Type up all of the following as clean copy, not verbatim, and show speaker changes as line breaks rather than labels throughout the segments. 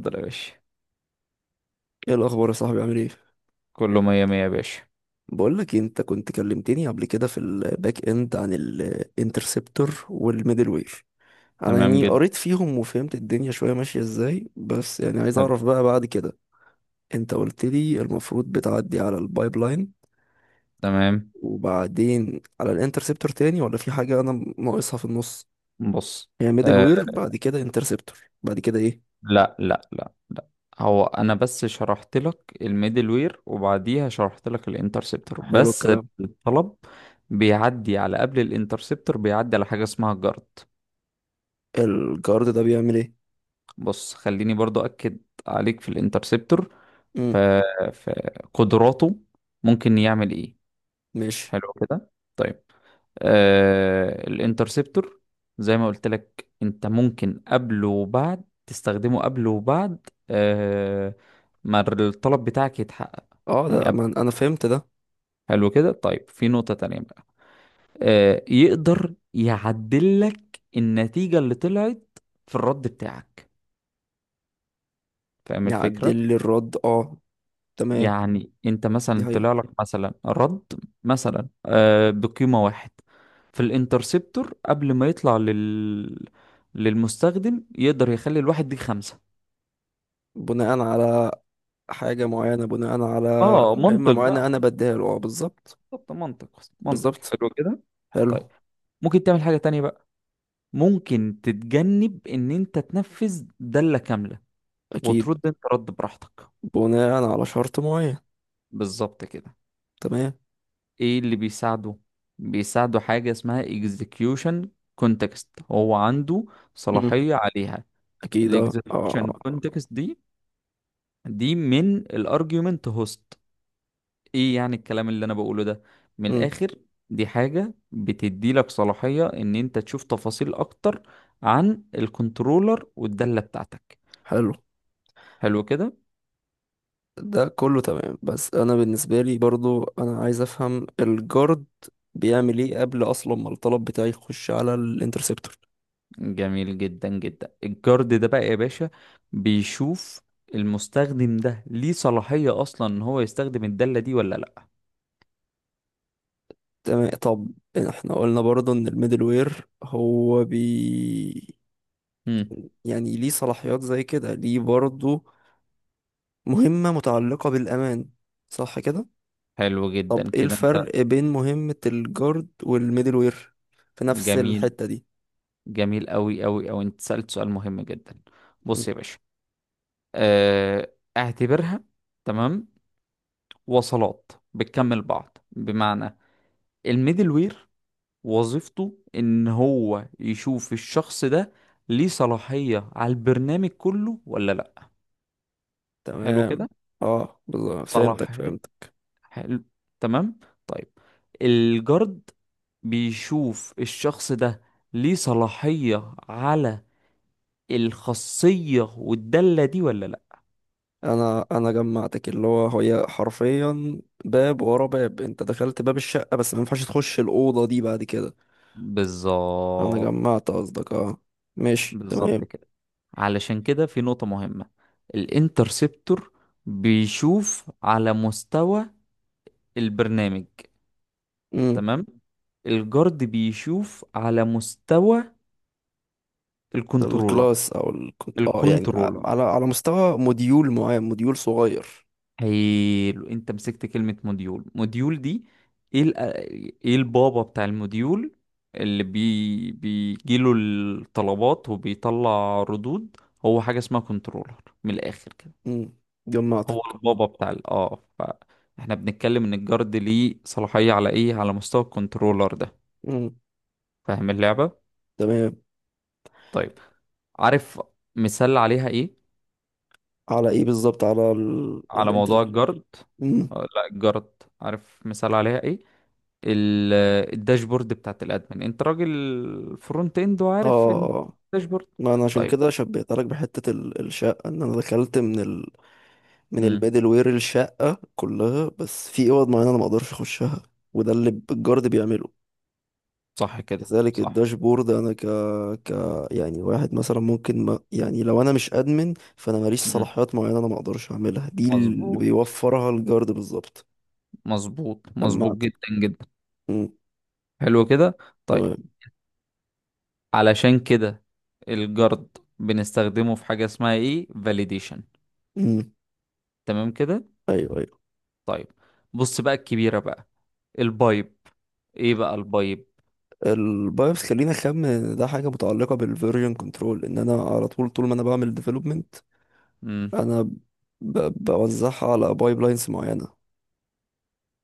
اتفضل يا باشا.
ايه الاخبار يا صاحبي، عامل ايه؟
كله مية مية يا باشا.
بقول لك، انت كنت كلمتني قبل كده في الباك اند عن الانترسبتور والميدل وير. انا
تمام
يعني
جدا.
قريت فيهم وفهمت الدنيا شويه ماشيه ازاي، بس يعني عايز
حلو.
اعرف بقى بعد كده. انت قلت لي المفروض بتعدي على البايبلاين
تمام.
وبعدين على الانترسبتور تاني، ولا في حاجه انا ناقصها في النص؟
بص.
هي ميدل
آه.
وير بعد كده انترسبتور، بعد كده ايه؟
لا لا لا لا، هو انا بس شرحت لك الميدل وير وبعديها شرحت لك الانترسبتور
حلو
بس.
الكلام.
الطلب بيعدي على قبل الانترسبتور، بيعدي على حاجة اسمها الجارد.
الجارد ده بيعمل ايه؟
بص، خليني برضو اكد عليك في الانترسبتور. ف...
امم.
فقدراته ممكن يعمل ايه.
ماشي.
حلو كده. طيب. الانترسبتور زي ما قلت لك انت ممكن قبل وبعد، تستخدمه قبل وبعد ما الطلب بتاعك يتحقق.
اه،
يعني
ده
قبل.
ما انا فهمت ده.
حلو كده. طيب، في نقطة تانية بقى. يقدر يعدل لك النتيجة اللي طلعت في الرد بتاعك، فاهم الفكرة؟
يعدل لي الرد، اه، تمام.
يعني انت
دي
مثلا
حقيقة.
طلع لك مثلا رد مثلا، بقيمة واحد، في الانترسبتور قبل ما يطلع للمستخدم يقدر يخلي الواحد دي 5.
بناء على حاجة معينة، بناء على
اه،
مهمة
منطق
معينة
بقى،
أنا
منطق.
بديها له، آه، بالظبط.
بالظبط، منطق. منطق.
بالظبط،
حلو كده. طيب،
حلو.
ممكن تعمل حاجة تانية بقى. ممكن تتجنب ان انت تنفذ دالة كاملة
أكيد.
وترد انت رد براحتك.
بناء على شرط معين.
بالظبط كده.
تمام.
ايه اللي بيساعده؟ بيساعده حاجة اسمها execution context. هو عنده
مم.
صلاحية عليها.
أكيد
ال
أه أه آه.
execution
آه.
context دي، دي من ال argument host. ايه يعني الكلام اللي انا بقوله ده من
مم.
الاخر؟ دي حاجة بتدي لك صلاحية ان انت تشوف تفاصيل اكتر عن الكنترولر والدالة بتاعتك.
حلو،
حلو كده.
ده كله تمام، بس أنا بالنسبة لي برضو أنا عايز أفهم الجارد بيعمل إيه قبل أصلا ما الطلب بتاعي يخش على الانترسبتور.
جميل جدا جدا. الجارد ده بقى يا باشا بيشوف المستخدم ده ليه صلاحية أصلا إن هو يستخدم الدالة دي ولا لأ.
تمام، طب احنا قلنا برضو ان الميدل وير هو بي،
مم.
يعني ليه صلاحيات زي كده، ليه برضو مهمة متعلقة بالأمان، صح كده؟
حلو
طب
جدا
ايه
كده أنت.
الفرق بين مهمة الجارد والميدل وير في نفس
جميل،
الحتة دي؟
جميل أوي أوي أوي، أنت سألت سؤال مهم جدا. بص
مم،
يا باشا، اعتبرها تمام وصلات بتكمل بعض. بمعنى الميدل وير وظيفته إن هو يشوف الشخص ده ليه صلاحية على البرنامج كله ولا لأ. حلو
تمام،
كده.
اه بالظبط،
صلاح.
فهمتك
حلو.
فهمتك.
حلو. تمام. طيب، الجارد بيشوف الشخص ده ليه صلاحية على الخاصية والدالة دي ولا لا.
انا جمعتك، اللي هو هي حرفيا باب ورا باب، انت دخلت باب الشقة بس ما ينفعش تخش الأوضة دي بعد كده. انا
بالظبط.
جمعت قصدك، اه، ماشي،
بالظبط
تمام.
كده. علشان كده في نقطة مهمة، الانترسبتور بيشوف على مستوى البرنامج.
مم.
تمام. الجارد بيشوف على مستوى الكنترولر.
الكلاس او اه يعني
الكنترولر.
على مستوى موديول معين، موديول صغير.
حلو. انت مسكت كلمة موديول، موديول دي ايه؟ ايه البابا بتاع الموديول اللي بيجيله الطلبات وبيطلع ردود؟ هو حاجة اسمها كنترولر، من الآخر كده.
امم.
هو
جمعتك.
البابا بتاع ال... اه فاحنا بنتكلم ان الجارد ليه صلاحية على ايه، على مستوى الكنترولر ده.
امم.
فاهم اللعبة؟
تمام.
طيب، عارف مثال عليها ايه؟
على ايه بالظبط، على
على موضوع
الانترست.
الجارد.
امم،
آه، لا، الجارد. عارف مثال عليها ايه؟ ال- الداشبورد بتاعت الادمن. انت راجل فرونت اند
اه
وعارف
اه
ان
آه.
الداشبورد.
ما انا عشان
طيب.
كده شبهت لك بحته الشقه، ان انا دخلت من من
امم.
الميدل وير الشقه كلها، بس في اوض معينه انا ما اقدرش اخشها. وده اللي الجارد بيعمله.
صح كده،
كذلك
صح.
الداشبورد انا ك ك يعني واحد مثلا ممكن، ما يعني لو انا مش ادمن فانا ماليش
امم.
صلاحيات معينه، انا ما اقدرش اعملها، دي اللي
مظبوط،
بيوفرها الجارد بالظبط.
مظبوط، مظبوط
جمعت.
جدا جدا.
مم،
حلو كده. طيب،
تمام.
علشان كده الجرد بنستخدمه في حاجة اسمها ايه؟ validation.
مم،
تمام كده.
ايوه ايوه.
طيب، بص بقى الكبيرة بقى، البايب. ايه بقى البايب؟
البايوس، خلينا اخمن ان ده حاجه متعلقه بالفيرجن كنترول، ان انا على طول، طول ما انا بعمل ديفلوبمنت.
امم.
انا بوزعها على بايب لاينز معينه.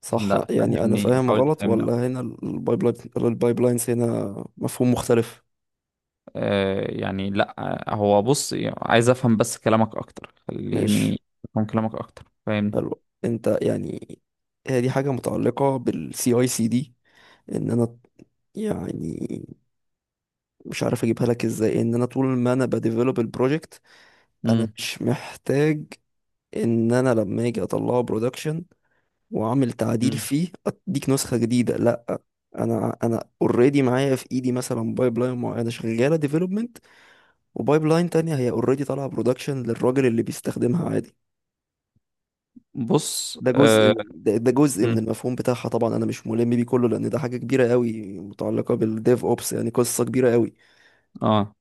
صح
لا،
يعني؟ انا
فهمني،
فاهم
حاول
غلط
تفهمني.
ولا هنا؟ البايب لاينز هنا مفهوم مختلف.
لا. هو بص، يعني عايز افهم بس كلامك اكتر،
ماشي،
خليني افهم كلامك اكتر، فاهمني؟
حلو، انت يعني، هي دي حاجة متعلقة بالسي اي سي دي، ان انا يعني مش عارف اجيبها لك ازاي، ان انا طول ما انا بديفلوب البروجكت، انا
امم.
مش محتاج ان انا لما اجي اطلعه برودكشن واعمل تعديل
امم.
فيه اديك نسخة جديدة، لا. انا اوريدي معايا في ايدي مثلا بايب لاين معينة شغالة ديفلوبمنت، وبايب لاين تانية هي اوريدي طالعة برودكشن للراجل اللي بيستخدمها عادي.
بص.
ده جزء
اه.
من ده جزء من
مم.
المفهوم بتاعها، طبعا انا مش ملم بيه كله لان ده حاجه كبيره قوي، متعلقه بالديف اوبس يعني قصه كبيره قوي.
آه.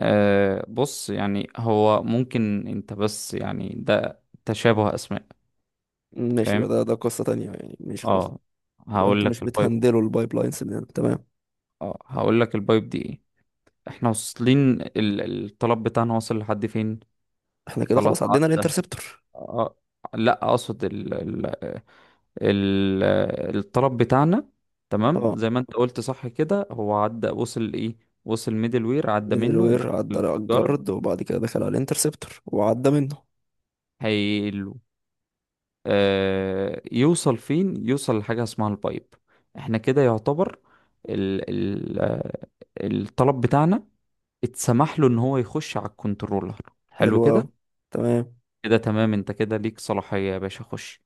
آه. بص يعني هو ممكن، انت بس يعني ده تشابه اسماء.
ماشي،
فاهم.
يبقى ده قصه تانية يعني، مش خلاص.
اه،
يبقى
هقول
انتوا مش
لك البايب.
بتهندلوا البايب لاينز. تمام،
اه، هقول لك البايب دي ايه. احنا واصلين، الطلب بتاعنا واصل لحد فين؟
احنا كده
خلاص
خلاص عدينا
عدى.
الانترسبتور.
آه، لا، اقصد ال- الطلب بتاعنا. تمام،
اه،
زي ما انت قلت صح كده، هو عدى، وصل ايه؟ وصل ميدل وير، عدى
ميدل
منه،
وير عدى
دخل
على
الجارد،
الجارد، وبعد كده دخل على الانترسبتور وعدى منه.
هيقله يوصل فين؟ يوصل لحاجة اسمها البايب. احنا كده يعتبر ال ال آه، الطلب بتاعنا اتسمح له ان هو يخش على الكنترولر. حلو
حلو قوي.
كده.
تمام.
كده تمام، انت كده ليك صلاحية يا باشا، خش.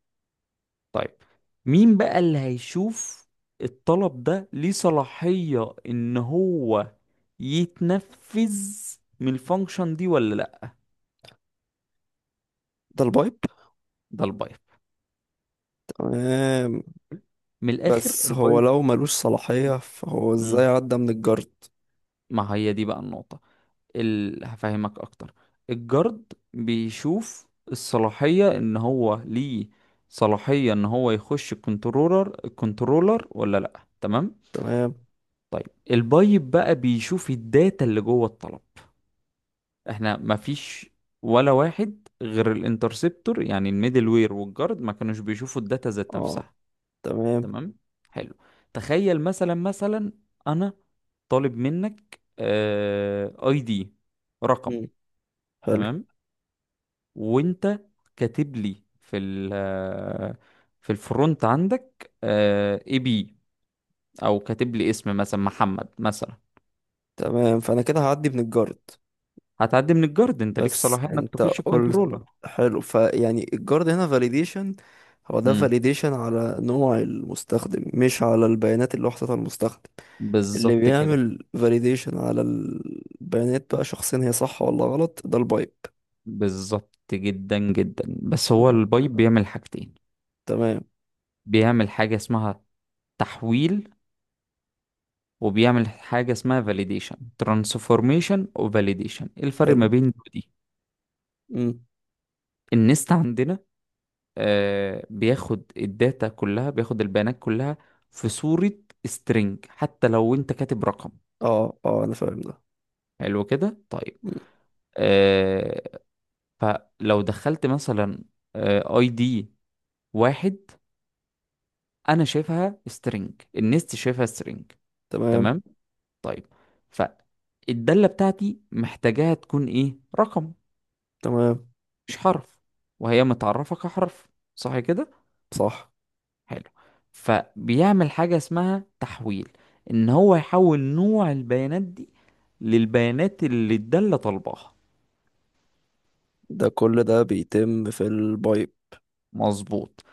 طيب، مين بقى اللي هيشوف الطلب ده ليه صلاحية ان هو يتنفذ من الفانكشن دي ولا لا؟
ده البايب.
ده البايب.
تمام،
من الاخر،
بس هو
البايب.
لو ملوش صلاحيه فهو ازاي
مم.
عدى من الجارد؟
ما هي دي بقى النقطة. هفهمك اكتر. الجارد بيشوف الصلاحية ان هو ليه صلاحية ان هو يخش الكنترولر، الكنترولر ولا لا، تمام؟
تمام،
طيب، البايب بقى بيشوف الداتا اللي جوه الطلب. احنا مفيش ولا واحد غير الانترسبتور، يعني الميدل وير والجارد ما كانوش بيشوفوا الداتا ذات
اه،
نفسها.
تمام.
تمام. حلو. تخيل مثلا، مثلا انا طالب منك اي دي، رقم،
مم. حلو.
تمام؟ وانت كاتب لي في الفرونت عندك اي بي، او كاتب لي اسم مثلا محمد مثلا.
تمام، فانا كده هعدي من الجارد.
هتعدي من الجارد، انت ليك
بس
صلاحية انك
انت
تخش
قلت،
الكنترولر.
حلو، فيعني الجارد هنا فاليديشن؟ هو ده
امم.
فاليديشن على نوع المستخدم، مش على البيانات اللي وحدتها المستخدم. اللي
بالظبط كده.
بيعمل فاليديشن على البيانات بقى شخصيا، هي صح ولا غلط، ده البايب.
بالظبط جدا جدا. بس هو
آه.
البايب بيعمل حاجتين،
تمام.
بيعمل حاجة اسمها تحويل وبيعمل حاجة اسمها فاليديشن. ترانسفورميشن وفاليديشن، ايه الفرق ما
حلو.
بين دول، دي ودي؟
امم،
النست عندنا، بياخد البيانات كلها في صورة سترينج، حتى لو انت كاتب رقم.
اه اه، انا فاهم ده.
حلو كده. طيب،
مم.
آه فلو دخلت مثلا اي دي 1، انا شايفها سترينج، النست شايفها سترينج.
تمام
تمام. طيب، فالدالة بتاعتي محتاجاها تكون ايه؟ رقم،
تمام،
مش حرف، وهي متعرفة كحرف، صح كده؟
صح؟
حلو. فبيعمل حاجة اسمها تحويل، ان هو يحول نوع البيانات دي للبيانات اللي الدالة طالباها.
ده كل ده بيتم في البايب؟
مظبوط.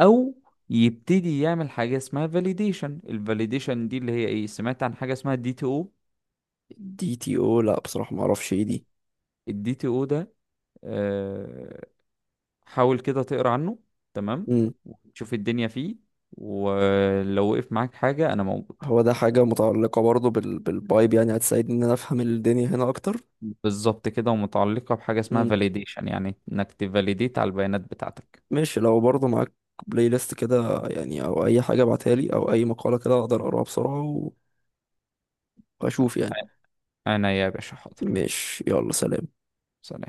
او يبتدي يعمل حاجة اسمها validation. ال validation دي اللي هي ايه؟ سمعت عن حاجة اسمها دي تي او؟
دي تي او؟ لا بصراحة، ما اعرفش ايه دي.
الدي تي او ده، آه، حاول كده تقرا عنه، تمام، وتشوف الدنيا فيه. ولو وقف معاك حاجة انا موجود.
هو ده حاجة متعلقة برضه بالفايب، يعني هتساعدني إن أنا أفهم الدنيا هنا أكتر؟
بالظبط كده، ومتعلقة بحاجة اسمها
مم.
validation، يعني انك تفاليديت على البيانات بتاعتك.
ماشي، لو برضه معاك بلاي ليست كده يعني، أو أي حاجة ابعتها لي أو أي مقالة كده أقدر أقراها بسرعة وأشوف يعني.
انا يا باشا حاضر.
ماشي، يلا، سلام.
سلام.